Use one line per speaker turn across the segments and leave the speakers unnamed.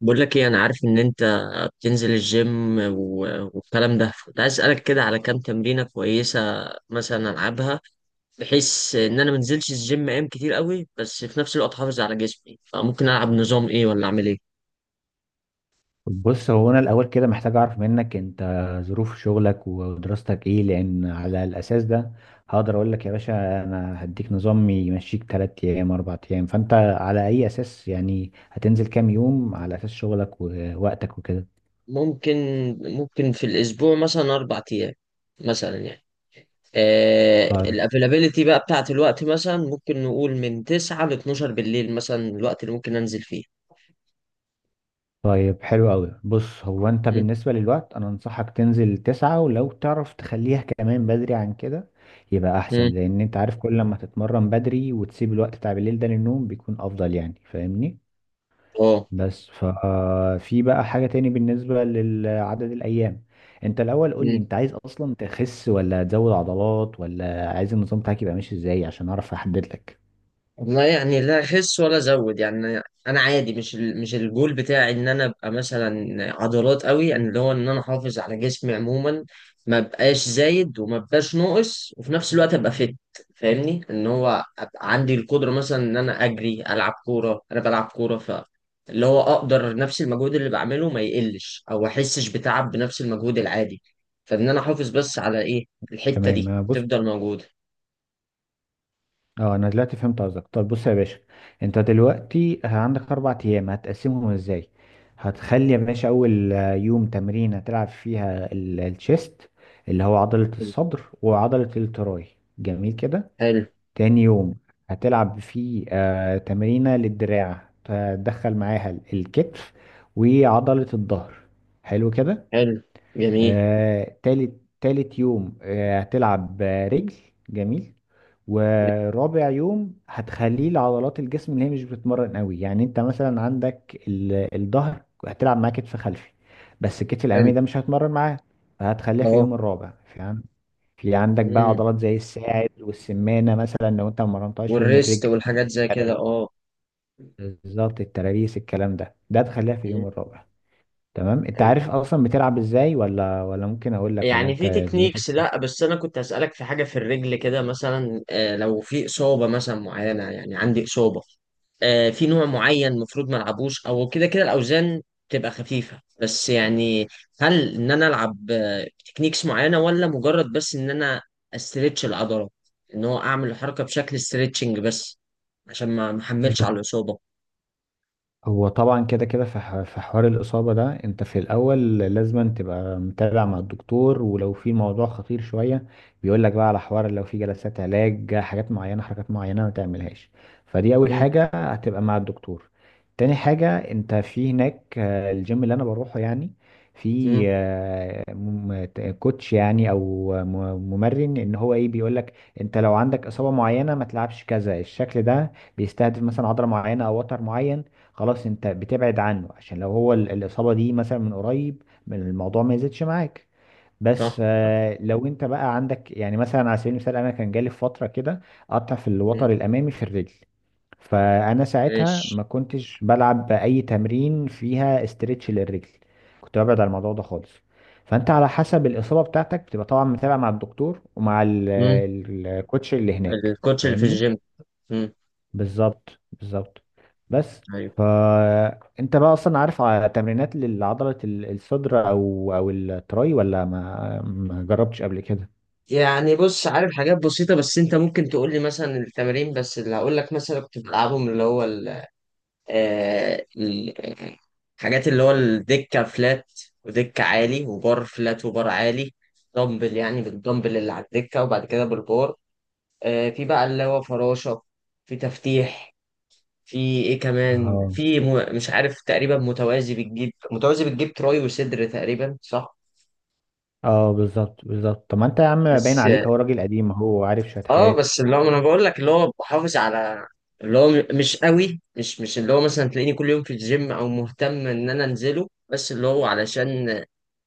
بقول لك ايه؟ انا عارف ان انت بتنزل الجيم والكلام ده. كنت عايز اسالك كده على كام تمرينه كويسه مثلا العبها، بحيث ان انا منزلش الجيم ايام كتير قوي بس في نفس الوقت احافظ على جسمي. فممكن العب نظام ايه، ولا اعمل ايه؟
بص، هو انا الاول كده محتاج اعرف منك انت ظروف شغلك ودراستك ايه، لان على الاساس ده هقدر اقول لك يا باشا انا هديك نظام يمشيك 3 ايام 4 ايام. فانت على اي اساس يعني هتنزل كام يوم على اساس شغلك ووقتك وكده؟
ممكن ممكن في الاسبوع مثلا اربع ايام مثلا يعني.
طيب
الافيلابيليتي بقى بتاعت الوقت، مثلا ممكن نقول من 9 ل 12 بالليل مثلا، الوقت اللي ممكن انزل فيه.
طيب، حلو قوي. بص، هو انت
مم.
بالنسبة للوقت انا انصحك تنزل تسعة، ولو تعرف تخليها كمان بدري عن كده يبقى احسن.
مم.
لان انت عارف كل لما تتمرن بدري وتسيب الوقت بتاع بالليل ده للنوم بيكون افضل، يعني فاهمني؟
اه.
بس ففي بقى حاجة تاني بالنسبة لعدد الأيام. أنت الأول قول لي، أنت عايز أصلا تخس ولا تزود عضلات، ولا عايز النظام بتاعك يبقى ماشي إزاي، عشان أعرف أحدد لك.
والله يعني لا اخس ولا ازود يعني، انا عادي. مش الجول بتاعي ان انا ابقى مثلا عضلات قوي، يعني اللي هو ان انا احافظ على جسمي عموما، ما بقاش زايد وما بقاش ناقص، وفي نفس الوقت ابقى فاهمني ان هو ابقى عندي القدره مثلا ان انا اجري، العب كوره. انا بلعب كوره اللي هو اقدر نفس المجهود اللي بعمله ما يقلش، او احسش بتعب بنفس المجهود العادي. فان انا احافظ بس على ايه؟ الحته
تمام،
دي
أنا بص،
تفضل موجوده.
أنا دلوقتي فهمت قصدك. طب بص يا باشا، أنت دلوقتي عندك أربع أيام هتقسمهم إزاي؟ هتخلي يا باشا أول يوم تمرين هتلعب فيها الشيست اللي هو عضلة الصدر وعضلة التراي. جميل كده.
حلو.
تاني يوم هتلعب فيه تمرينة للدراع، تدخل معاها الكتف وعضلة الظهر. حلو كده.
حلو. جميل.
تالت يوم هتلعب، رجل. جميل. ورابع يوم هتخليه لعضلات الجسم اللي هي مش بتتمرن قوي، يعني انت مثلا عندك الظهر هتلعب معاه كتف خلفي، بس الكتف الامامي
حلو.
ده مش هتمرن معاه، فهتخليها في
اه.
اليوم الرابع، فهمت؟ في عندك بقى
مم.
عضلات زي الساعد والسمانة مثلا لو انت ما مرنتهاش في يوم
والريست
الرجل،
والحاجات زي كده، اه.
بالظبط، الترابيس الكلام ده تخليها في
مم.
اليوم الرابع. تمام، انت
حلو.
عارف اصلا بتلعب ازاي ولا ممكن اقول لك، ولا
يعني
انت
في
دنيتك؟
تكنيكس لا بس انا كنت اسالك في حاجه في الرجل كده مثلا لو في اصابه مثلا معينه، يعني عندي اصابه في نوع معين المفروض ما العبوش، او كده كده الاوزان تبقى خفيفه بس يعني. هل ان انا العب تكنيكس معينه، ولا مجرد بس ان انا استرتش العضله، ان هو اعمل الحركه بشكل استرتشنج بس، عشان ما احملش
إيه؟
على الاصابه؟
هو طبعا كده كده في في حوار الإصابة ده. انت في الأول لازم أن تبقى متابع مع الدكتور، ولو في موضوع خطير شوية بيقولك بقى على حوار، لو في جلسات علاج، حاجات معينة حركات معينة ما تعملهاش. فدي أول
امم.
حاجة، هتبقى مع الدكتور. تاني حاجة، انت في هناك، الجيم اللي أنا بروحه يعني، في
امم.
كوتش يعني أو ممرن، إن هو إيه بيقولك. أنت لو عندك إصابة معينة ما تلعبش كذا، الشكل ده بيستهدف مثلا عضلة معينة أو وتر معين، خلاص انت بتبعد عنه، عشان لو هو الاصابه دي مثلا من قريب من الموضوع ما يزيدش معاك.
صح.
بس لو انت بقى عندك يعني مثلا على سبيل المثال، انا كان جالي في فتره كده قطع في الوتر الامامي في الرجل. فانا ساعتها
ماشي.
ما كنتش بلعب اي تمرين فيها استرتش للرجل، كنت ببعد عن الموضوع ده خالص. فانت على حسب الاصابه بتاعتك بتبقى طبعا متابع مع الدكتور ومع
مم.
الكوتش اللي هناك،
الكوتش اللي في
فاهمني؟
الجيم. مم.
بالظبط بالظبط. بس،
ايوه.
فانت بقى اصلا عارف تمرينات لعضلة الصدر او التراي، ولا ما جربتش قبل كده؟
يعني بص، عارف حاجات بسيطة. بس انت ممكن تقول لي مثلا التمارين بس. اللي هقول لك مثلا كنت بلعبهم، اللي هو ال آه، ال- الحاجات اللي هو الدكة فلات، ودكة عالي، وبار فلات، وبار عالي. دمبل يعني، بالدمبل اللي على الدكة، وبعد كده بالبار. في بقى اللي هو فراشة. في تفتيح. في ايه كمان؟
اه
في مش عارف، تقريبا متوازي، بتجيب تراي وصدر تقريبا، صح؟
اه، بالظبط بالظبط. طب ما انت يا عم باين
بس
عليك هو راجل قديم، هو عارف شوية
اه
حاجات.
بس اللي هو انا بقول لك اللي هو بحافظ على، اللي هو مش قوي. مش اللي هو مثلا تلاقيني كل يوم في الجيم، او مهتم ان انا انزله. بس اللي هو علشان ما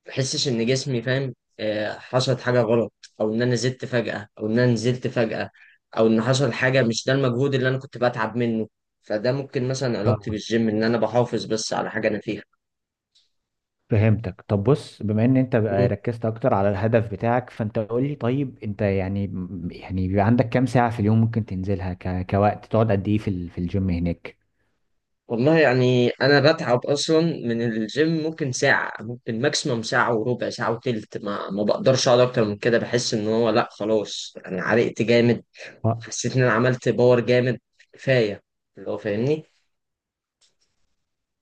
احسش ان جسمي، فاهم، حصلت حاجه غلط، او ان انا زدت فجاه، او ان انا نزلت فجاه، او ان حصل حاجه مش ده المجهود اللي انا كنت بتعب منه. فده ممكن مثلا علاقتي
اه،
بالجيم، ان انا بحافظ بس على حاجه انا فيها.
فهمتك. طب بص، بما ان انت بقى ركزت اكتر على الهدف بتاعك، فانت قول لي طيب، انت يعني، بيبقى عندك كام ساعة في اليوم ممكن تنزلها، كوقت تقعد قد ايه في في الجيم هناك؟
والله يعني انا بتعب اصلا من الجيم. ممكن ساعه، ممكن ماكسيموم ساعه وربع، ساعه وتلت، ما بقدرش اقعد اكتر من كده. بحس ان هو لا خلاص، انا عرقت جامد، حسيت ان انا عملت باور جامد، كفايه. اللي هو فاهمني.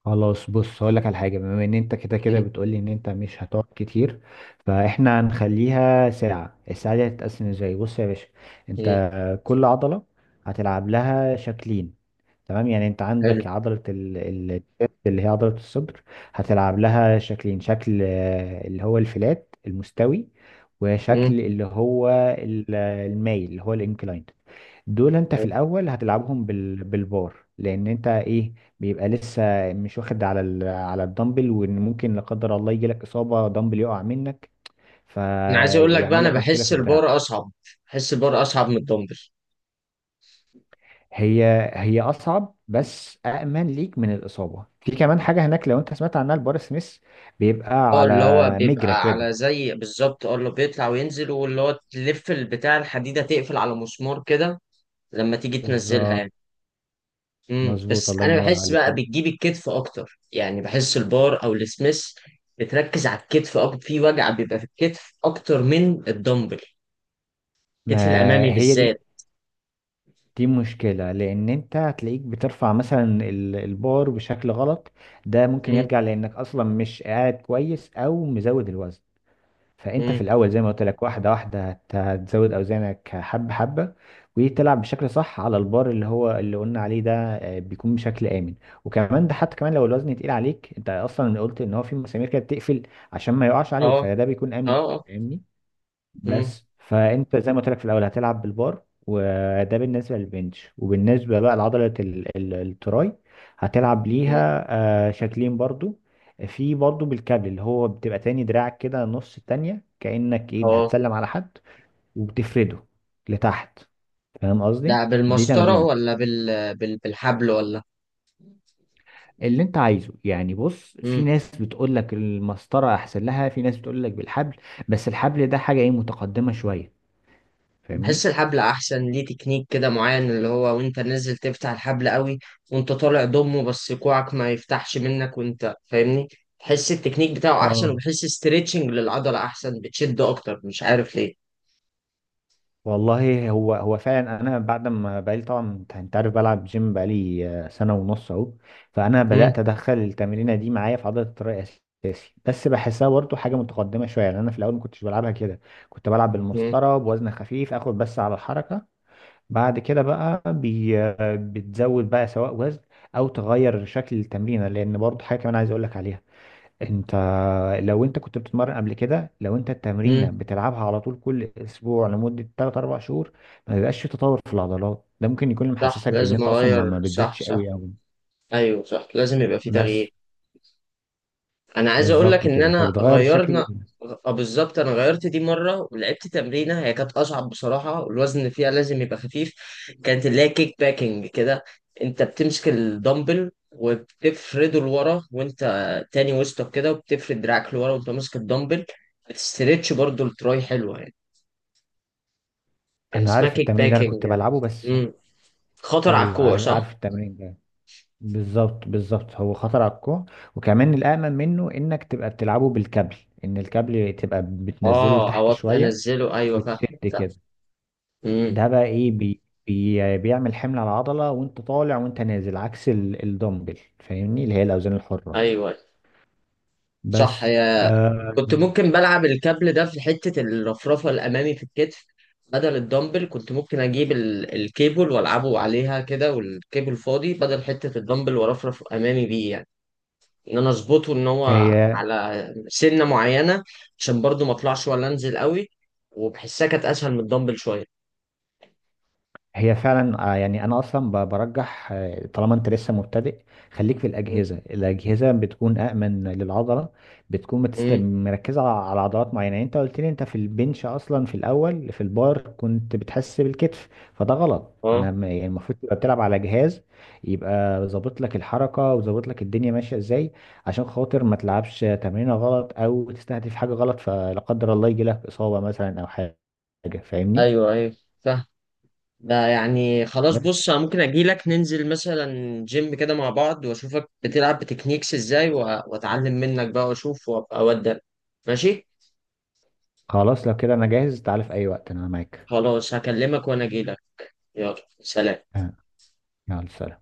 خلاص، بص هقول لك على حاجه، بما ان انت كده كده
مم.
بتقولي ان انت مش هتقعد كتير، فاحنا هنخليها ساعه. الساعه دي هتتقسم ازاي؟ بص يا باشا،
مم.
انت كل عضله هتلعب لها شكلين. تمام، يعني انت
حلو.
عندك عضلة الشيست اللي هي عضلة الصدر، هتلعب لها شكلين. شكل اللي هو الفلات المستوي،
مم.
وشكل اللي هو المايل اللي هو الانكلايند. دول انت في
حلو.
الاول هتلعبهم بالبار، لان انت ايه، بيبقى لسه مش واخد على على الدمبل، وان ممكن لا قدر الله يجي لك اصابة، دمبل يقع منك
انا عايز اقول لك بقى،
فيعمل
انا
لك مشكلة
بحس
في دراعك.
البار اصعب. بحس البار اصعب من الدمبل.
هي هي اصعب بس امن ليك من الاصابه. في كمان حاجه هناك لو انت سمعت عنها، البار سميث، بيبقى
اه
على
اللي هو
مجرى
بيبقى
كده.
على زي بالظبط، اللي بيطلع وينزل، واللي هو تلف البتاع، الحديده تقفل على مسمار كده، لما تيجي تنزلها
بالظبط،
يعني. مم.
مظبوط،
بس
الله
انا
ينور
بحس
عليك.
بقى بتجيب الكتف اكتر، يعني بحس البار او السميث بتركز على الكتف اكتر. في وجع بيبقى في الكتف اكتر من الدمبل،
ما
الكتف الامامي
هي دي،
بالذات.
دي مشكله لان انت هتلاقيك بترفع مثلا البار بشكل غلط، ده ممكن
مم.
يرجع لانك اصلا مش قاعد كويس او مزود الوزن. فانت في
مم.
الاول زي ما قلت لك واحده واحده هتزود اوزانك حبه حبه، وتلعب بشكل صح على البار اللي هو اللي قلنا عليه ده، بيكون بشكل امن. وكمان ده حتى كمان لو الوزن تقيل عليك، انت اصلا قلت ان هو في مسامير كده بتقفل عشان ما يقعش عليك،
اه.
فده بيكون
اه.
امن،
اه.
فاهمني؟
مم.
بس، فانت زي ما قلت لك في الاول هتلعب بالبار، وده بالنسبه للبنش. وبالنسبه بقى لعضله التراي هتلعب
مم.
ليها شكلين برضو. في برضو بالكابل اللي هو بتبقى تاني دراعك كده نص التانية كأنك ايه
اه.
هتسلم على حد، وبتفرده لتحت، فاهم
ده
قصدي؟ دي
بالمسطره،
تمرينة
ولا بالحبل، ولا؟
اللي انت عايزه يعني. بص، في
مم.
ناس بتقول لك المسطرة احسن لها، في ناس بتقول لك بالحبل، بس الحبل ده حاجة ايه متقدمة شوية،
بحس
فاهمني؟
الحبل احسن، ليه تكنيك كده معين، اللي هو وانت نازل تفتح الحبل قوي، وانت طالع ضمه، بس كوعك ما يفتحش منك، وانت فاهمني؟ بحس التكنيك بتاعه احسن،
اه،
وبحس استريتشنج للعضلة احسن، بتشد اكتر، مش عارف ليه.
والله هو فعلا. انا بعد ما بقالي طبعا، انت عارف بلعب جيم بقالي سنه ونص اهو، فانا
مم.
بدات ادخل التمرينه دي معايا في عضله التراي اساسي. بس بحسها برضه حاجه متقدمه شويه يعني. انا في الاول ما كنتش بلعبها كده، كنت بلعب
مم.
بالمسطره بوزن خفيف اخد بس على الحركه. بعد كده بقى بي آه، بتزود بقى سواء وزن او تغير شكل التمرينه. لان برضه حاجه كمان عايز اقول لك عليها، انت لو انت كنت بتتمرن قبل كده، لو انت التمرينه
مم.
بتلعبها على طول كل اسبوع لمده 3 4 شهور ما بيبقاش في تطور في العضلات. ده ممكن يكون اللي
صح،
محسسك بان
لازم
انت اصلا
اغير.
ما
صح.
بتزيدش
صح.
قوي قوي.
ايوه صح، لازم يبقى في
بس،
تغيير. انا عايز اقول لك
بالظبط
ان
كده،
انا
فبتغير الشكل.
غيرنا. بالظبط. انا غيرت دي مره ولعبت تمرينه، هي كانت اصعب بصراحه، والوزن فيها لازم يبقى خفيف. كانت اللي هي كيك باكينج كده. انت بتمسك الدمبل وبتفرده لورا، وانت تاني وسطك كده، وبتفرد دراعك لورا وانت ماسك الدمبل. بتستريتش برضو التراي، حلوه يعني. كان
انا
اسمها
عارف
كيك
التمرين ده، انا
باكينج.
كنت بلعبه بس.
امم. خطر على
ايوه،
الكوع،
عارف
صح؟
عارف التمرين ده، بالظبط بالظبط، هو خطر على الكوع. وكمان الامن منه انك تبقى بتلعبه بالكابل، ان الكابل تبقى بتنزله
اه،
لتحت
او
شويه
انزله، ايوه فاهم.
وبتشد
فاهم.
كده.
امم.
ده بقى ايه، بي بي بيعمل حمل على العضلة، وانت طالع وانت نازل، عكس الدمبل، فاهمني؟ اللي هي الاوزان الحرة.
ايوه صح،
بس
هي.
آه
كنت ممكن بلعب الكابل ده في حتة الرفرفة الأمامي في الكتف، بدل الدمبل. كنت ممكن أجيب الكيبل وألعبه عليها كده، والكيبل فاضي بدل حتة الدمبل، وأرفرف أمامي بيه يعني، إن أنا أظبطه إن هو
تمام.
على سنة معينة، عشان برضو ما أطلعش ولا أنزل قوي. وبحسها كانت أسهل من الدمبل شوية.
هي فعلا، يعني انا اصلا برجح طالما انت لسه مبتدئ، خليك في
م-
الاجهزه. الاجهزه بتكون امن للعضله، بتكون
م-
مركزه على عضلات معينه. يعني انت قلت لي انت في البنش اصلا في الاول في البار كنت بتحس بالكتف، فده غلط. انا
أه
يعني المفروض تبقى بتلعب على جهاز يبقى ظابط لك الحركه وظابط لك الدنيا ماشيه ازاي، عشان خاطر ما تلعبش تمرينه غلط او تستهدف حاجه غلط فلا قدر الله يجي لك اصابه مثلا او حاجه، فاهمني؟
أيوه. أيوه. فاهم. ده يعني خلاص،
بس،
بص انا ممكن اجيلك، ننزل مثلا جيم كده مع بعض، واشوفك بتلعب بتكنيكس ازاي، واتعلم منك بقى واشوف، وابقى اودك. ماشي.
خلاص لو كده انا جاهز، تعال في اي وقت انا معاك.
خلاص هكلمك وانا اجيلك. يلا سلام.
آه، يلا سلام.